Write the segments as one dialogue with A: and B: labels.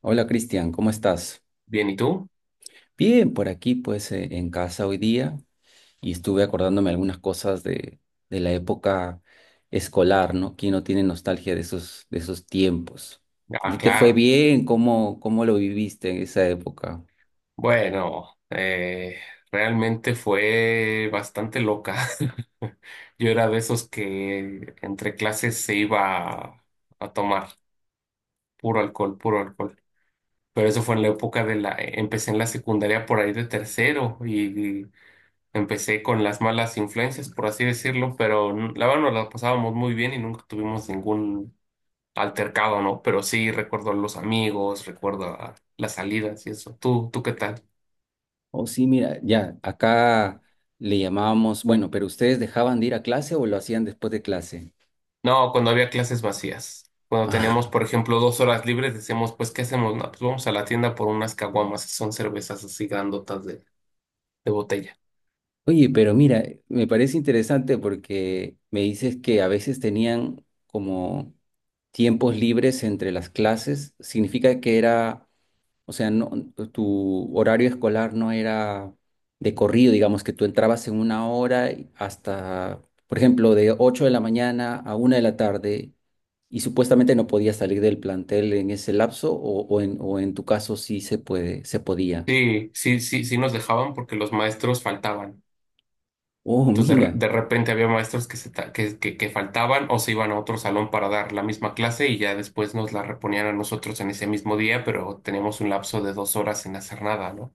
A: Hola Cristian, ¿cómo estás?
B: Bien, ¿y tú?
A: Bien, por aquí pues en casa hoy día y estuve acordándome algunas cosas de la época escolar, ¿no? ¿Quién no tiene nostalgia de esos tiempos? ¿A
B: Ah,
A: ti te fue
B: claro.
A: bien? ¿Cómo lo viviste en esa época?
B: Bueno, realmente fue bastante loca. Yo era de esos que entre clases se iba a tomar puro alcohol, puro alcohol. Pero eso fue en la época de la Empecé en la secundaria por ahí de tercero y empecé con las malas influencias, por así decirlo, pero la verdad nos la pasábamos muy bien y nunca tuvimos ningún altercado, ¿no? Pero sí recuerdo a los amigos, recuerdo a las salidas y eso. ¿Tú qué tal?
A: Oh, sí, mira, ya, acá le llamábamos, bueno, pero ¿ustedes dejaban de ir a clase o lo hacían después de clase?
B: No, cuando había clases vacías. Cuando teníamos,
A: Ah.
B: por ejemplo, 2 horas libres, decíamos, pues, ¿qué hacemos? No, pues vamos a la tienda por unas caguamas, que son cervezas así grandotas de botella.
A: Oye, pero mira, me parece interesante porque me dices que a veces tenían como tiempos libres entre las clases, significa que era, o sea, no, tu horario escolar no era de corrido, digamos que tú entrabas en una hora y hasta, por ejemplo, de 8 de la mañana a 1 de la tarde y supuestamente no podías salir del plantel en ese lapso o en tu caso sí se puede, se podía.
B: Sí, nos dejaban porque los maestros faltaban.
A: Oh,
B: Entonces,
A: mira,
B: de repente había maestros que, se ta- que faltaban o se iban a otro salón para dar la misma clase y ya después nos la reponían a nosotros en ese mismo día, pero teníamos un lapso de 2 horas sin hacer nada, ¿no?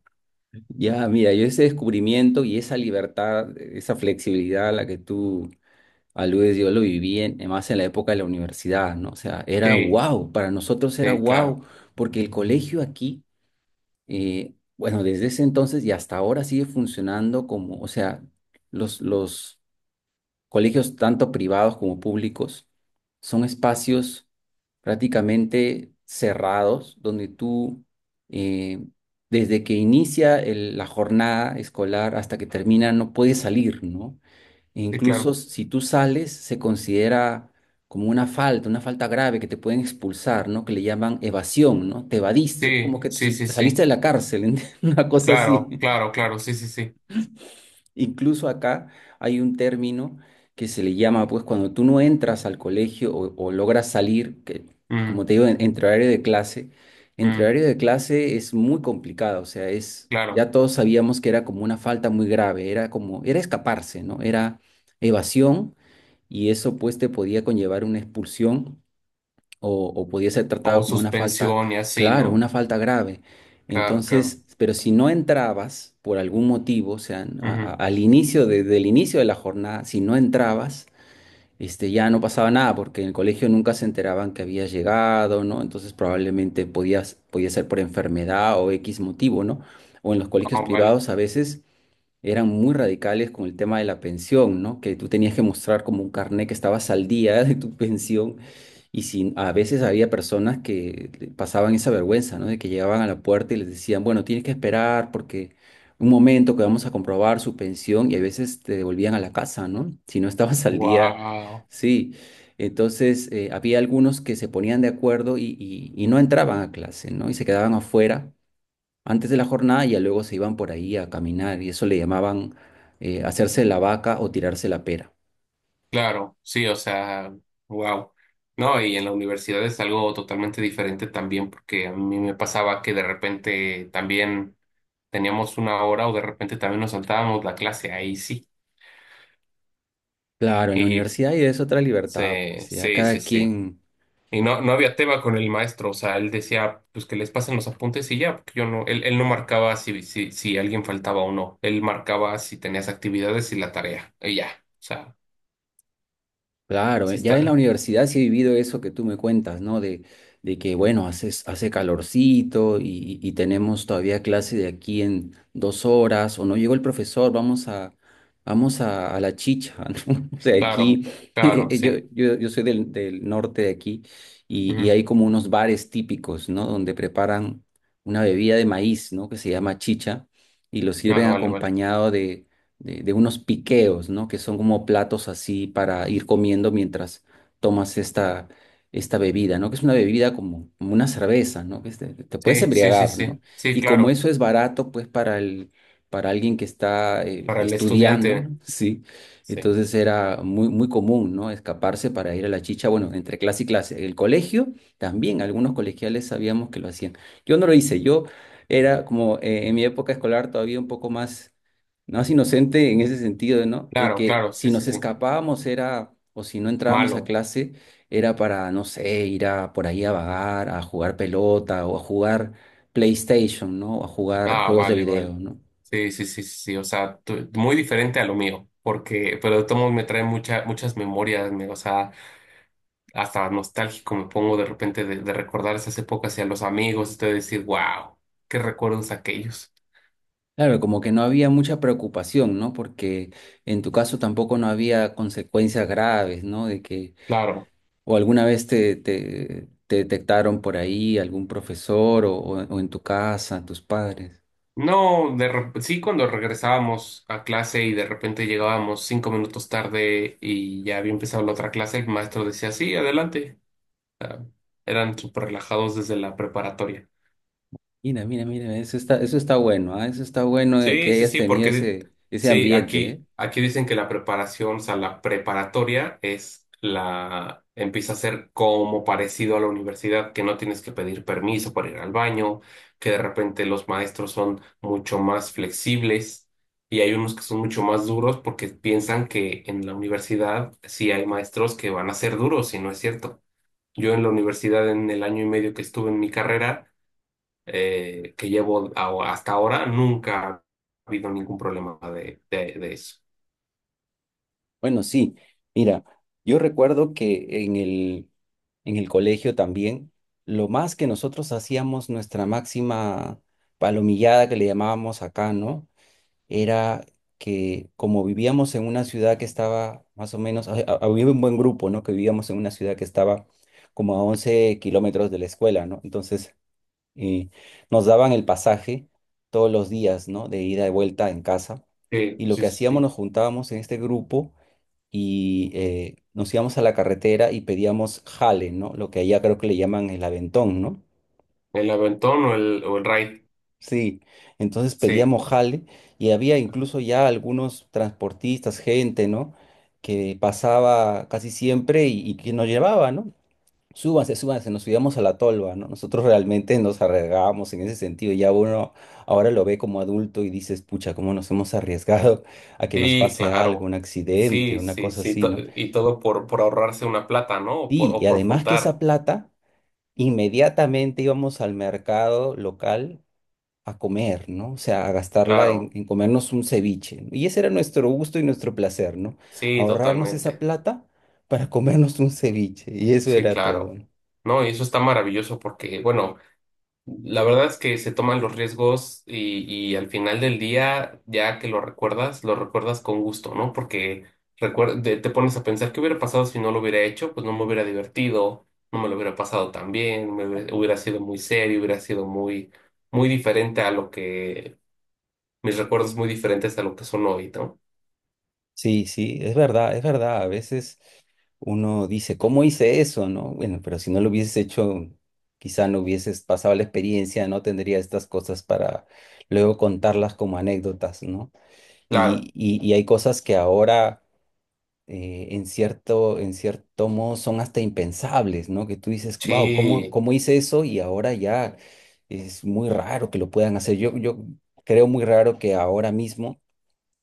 A: ya, mira, yo ese descubrimiento y esa libertad, esa flexibilidad a la que tú algo que yo lo viví más en la época de la universidad, ¿no? O sea, era
B: Sí,
A: wow, para nosotros era
B: sí, claro,
A: wow, porque el colegio aquí, bueno, desde ese entonces y hasta ahora sigue funcionando como, o sea, los colegios tanto privados como públicos son espacios prácticamente cerrados, donde tú, eh, desde que inicia la jornada escolar hasta que termina, no puedes salir, ¿no?
B: sí,
A: Incluso
B: claro.
A: si tú sales, se considera como una falta grave que te pueden expulsar, ¿no? Que le llaman evasión, ¿no? Te evadiste, es como
B: Sí,
A: que te,
B: sí,
A: su-
B: sí,
A: te saliste
B: sí.
A: de la cárcel, una cosa
B: Claro,
A: así.
B: claro, claro, sí, sí, sí.
A: Incluso acá hay un término que se le llama, pues, cuando tú no entras al colegio o logras salir, que como
B: Mm.
A: te digo, entre horario de clase, entre
B: Mm,
A: horario de clase es muy complicado, o sea, es,
B: claro.
A: ya todos sabíamos que era como una falta muy grave, era escaparse, ¿no? Era evasión y eso pues te podía conllevar una expulsión o podía ser
B: O
A: tratado como una falta,
B: suspensión y así,
A: claro,
B: ¿no?
A: una falta grave.
B: Claro, claro.
A: Entonces, pero si no entrabas por algún motivo, o sea, a- a-
B: Ujú.
A: al inicio, desde el inicio de la jornada, si no entrabas, ya no pasaba nada, porque en el colegio nunca se enteraban que habías llegado, ¿no? Entonces probablemente podías, podía ser por enfermedad o X motivo, ¿no? O en los colegios
B: Oh, vale.
A: privados a veces eran muy radicales con el tema de la pensión, ¿no? Que tú tenías que mostrar como un carnet que estabas al día de tu pensión y sin, a veces había personas que le pasaban esa vergüenza, ¿no? De que llegaban a la puerta y les decían, bueno, tienes que esperar porque un momento que vamos a comprobar su pensión y a veces te devolvían a la casa, ¿no? Si no estabas al día,
B: Wow.
A: sí. Entonces, había algunos que se ponían de acuerdo y no entraban a clase, ¿no? Y se quedaban afuera antes de la jornada ya luego se iban por ahí a caminar y eso le llamaban hacerse la vaca o tirarse la pera.
B: Claro, sí, o sea, wow. No, y en la universidad es algo totalmente diferente también, porque a mí me pasaba que de repente también teníamos una hora o de repente también nos saltábamos la clase ahí, sí.
A: Claro, en la
B: Y
A: universidad y es otra libertad,
B: sí,
A: pues ya
B: sí, sí,
A: cada
B: sí.
A: quien.
B: Y no, no había tema con el maestro, o sea, él decía, pues que les pasen los apuntes y ya, porque yo no, él no marcaba si alguien faltaba o no, él marcaba si tenías actividades y la tarea, y ya, o sea,
A: Claro,
B: sí
A: ya en la
B: está,
A: universidad sí he vivido eso que tú me cuentas, ¿no? De que, bueno, hace calorcito y tenemos todavía clase de aquí en 2 horas, o no llegó el profesor, vamos a la chicha, ¿no? O sea,
B: claro,
A: aquí,
B: claro,
A: yo,
B: sí,
A: yo, yo soy del norte de aquí y
B: ujú.
A: hay como unos bares típicos, ¿no? Donde preparan una bebida de maíz, ¿no? Que se llama chicha y lo
B: Ah,
A: sirven
B: vale, vale,
A: acompañado de unos piqueos, ¿no? Que son como platos así para ir comiendo mientras tomas esta bebida, ¿no? Que es una bebida como una cerveza, ¿no? Que es te puedes
B: sí, sí, sí,
A: embriagar,
B: sí,
A: ¿no?
B: sí,
A: Y como
B: claro,
A: eso es barato, pues para alguien que está
B: para el
A: estudiando,
B: estudiante,
A: ¿no? Sí.
B: sí,
A: Entonces era muy, muy común, ¿no? Escaparse para ir a la chicha, bueno, entre clase y clase. El colegio también, algunos colegiales sabíamos que lo hacían. Yo no lo hice, yo era como en mi época escolar todavía un poco más no es inocente en ese sentido, ¿no? De
B: claro,
A: que
B: claro, sí,
A: si
B: sí,
A: nos
B: sí,
A: escapábamos era, o si no entrábamos a
B: malo,
A: clase, era para, no sé, ir a por ahí a vagar, a jugar pelota o a jugar PlayStation, ¿no? O a jugar
B: ah,
A: juegos de
B: vale,
A: video,
B: vale,
A: ¿no?
B: sí, sí, sí, sí, sí, o sea, muy diferente a lo mío, porque, pero de todos modos me trae mucha, muchas memorias, o sea, hasta nostálgico me pongo de repente de recordar esas épocas y a los amigos y de decir, wow, qué recuerdos aquellos.
A: Claro, como que no había mucha preocupación, ¿no? Porque en tu caso tampoco no había consecuencias graves, ¿no? De que,
B: Claro,
A: o alguna vez te detectaron por ahí algún profesor o en tu casa, tus padres.
B: no, sí cuando regresábamos a clase y de repente llegábamos 5 minutos tarde y ya había empezado la otra clase, el maestro decía, sí, adelante. Eran súper relajados desde la preparatoria.
A: Mira, mira, mira, eso está bueno, ah, eso está bueno, que
B: Sí, sí,
A: hayas
B: sí,
A: tenido
B: porque
A: ese
B: sí,
A: ambiente, ¿eh?
B: aquí, aquí dicen que la preparación, o sea, la preparatoria es la, empieza a ser como parecido a la universidad, que no tienes que pedir permiso para ir al baño, que de repente los maestros son mucho más flexibles y hay unos que son mucho más duros porque piensan que en la universidad sí hay maestros que van a ser duros y no es cierto. Yo en la universidad, en el año y medio que estuve en mi carrera, que llevo hasta ahora, nunca ha habido ningún problema de eso.
A: Bueno, sí, mira, yo recuerdo que en el colegio también, lo más que nosotros hacíamos, nuestra máxima palomillada que le llamábamos acá, ¿no? Era que como vivíamos en una ciudad que estaba más o menos, había un buen grupo, ¿no? Que vivíamos en una ciudad que estaba como a 11 kilómetros de la escuela, ¿no? Entonces. Y nos daban el pasaje todos los días, ¿no? De ida y vuelta en casa.
B: Sí,
A: Y lo que
B: sí, sí,
A: hacíamos,
B: sí.
A: nos juntábamos en este grupo y nos íbamos a la carretera y pedíamos jale, ¿no? Lo que allá creo que le llaman el aventón, ¿no?
B: El aventón o el ride.
A: Sí, entonces
B: Sí,
A: pedíamos jale y había incluso ya algunos transportistas, gente, ¿no? Que pasaba casi siempre y que nos llevaba, ¿no? Súbanse, súbanse, nos subíamos a la tolva, ¿no? Nosotros realmente nos arriesgábamos en ese sentido. Ya uno ahora lo ve como adulto y dices, pucha, cómo nos hemos arriesgado a que nos
B: sí,
A: pase algo,
B: claro.
A: un accidente,
B: Sí,
A: una
B: sí,
A: cosa
B: sí.
A: así, ¿no?
B: Y todo por ahorrarse una plata, ¿no?
A: Sí, y
B: O por
A: además que esa
B: juntar.
A: plata, inmediatamente íbamos al mercado local a comer, ¿no? O sea, a gastarla en,
B: Claro.
A: en comernos un ceviche, ¿no? Y ese era nuestro gusto y nuestro placer, ¿no?
B: Sí,
A: Ahorrarnos esa
B: totalmente.
A: plata para comernos un ceviche. Y eso
B: Sí,
A: era todo,
B: claro.
A: ¿no?
B: No, y eso está maravilloso porque, bueno, la verdad es que se toman los riesgos y al final del día, ya que lo recuerdas con gusto, ¿no? Porque te pones a pensar qué hubiera pasado si no lo hubiera hecho, pues no me hubiera divertido, no me lo hubiera pasado tan bien, me hubiera sido muy serio, hubiera sido muy, muy diferente a lo que, mis recuerdos muy diferentes a lo que son hoy, ¿no?
A: Sí, sí, es verdad, es verdad. A veces uno dice, ¿cómo hice eso? ¿No? Bueno, pero si no lo hubieses hecho, quizá no hubieses pasado la experiencia, no tendría estas cosas para luego contarlas como anécdotas, ¿no?
B: Claro,
A: Y hay cosas que ahora, en cierto modo, son hasta impensables, ¿no? Que tú dices, wow, ¿cómo,
B: sí,
A: cómo hice eso? Y ahora ya es muy raro que lo puedan hacer. Yo creo muy raro que ahora mismo,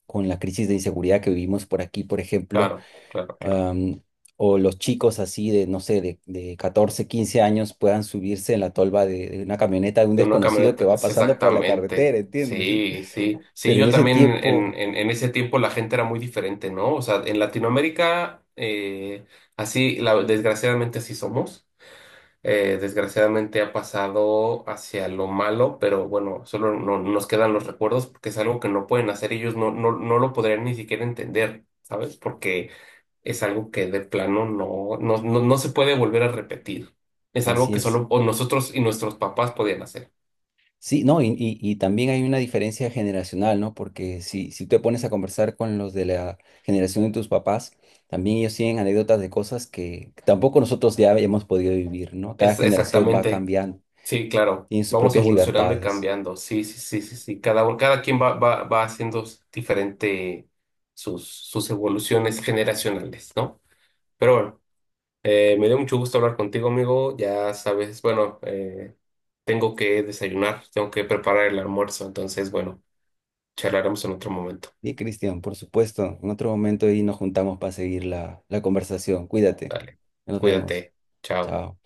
A: con la crisis de inseguridad que vivimos por aquí, por ejemplo,
B: claro, claro, claro.
A: am, o los chicos así de, no sé, de, 14, 15 años puedan subirse en la tolva de una camioneta de un
B: De una
A: desconocido que
B: camioneta,
A: va
B: es
A: pasando por la
B: exactamente.
A: carretera, ¿entiendes?
B: Sí, sí. Sí,
A: Pero en
B: yo
A: ese
B: también
A: tiempo,
B: en ese tiempo la gente era muy diferente, ¿no? O sea, en Latinoamérica, así, desgraciadamente así somos. Desgraciadamente ha pasado hacia lo malo, pero bueno, solo no, nos quedan los recuerdos porque es algo que no pueden hacer ellos, no, no, no lo podrían ni siquiera entender, ¿sabes? Porque es algo que de plano no, no, no, no se puede volver a repetir. Es algo
A: así
B: que
A: es.
B: solo o nosotros y nuestros papás podían hacer.
A: Sí, no, y también hay una diferencia generacional, ¿no? Porque si te pones a conversar con los de la generación de tus papás, también ellos tienen anécdotas de cosas que tampoco nosotros ya hemos podido vivir, ¿no? Cada
B: Es
A: generación va
B: exactamente,
A: cambiando,
B: sí, claro.
A: tiene sus
B: Vamos
A: propias
B: evolucionando y
A: libertades.
B: cambiando. Sí, sí, sí, sí, sí. Cada quien va, va haciendo diferente sus, sus evoluciones generacionales, ¿no? Pero bueno, me dio mucho gusto hablar contigo, amigo. Ya sabes, bueno, tengo que desayunar, tengo que preparar el almuerzo. Entonces, bueno, charlaremos en otro momento.
A: Y Cristian, por supuesto, en otro momento y nos juntamos para seguir la conversación. Cuídate.
B: Dale,
A: Nos vemos.
B: cuídate. Chao.
A: Chao.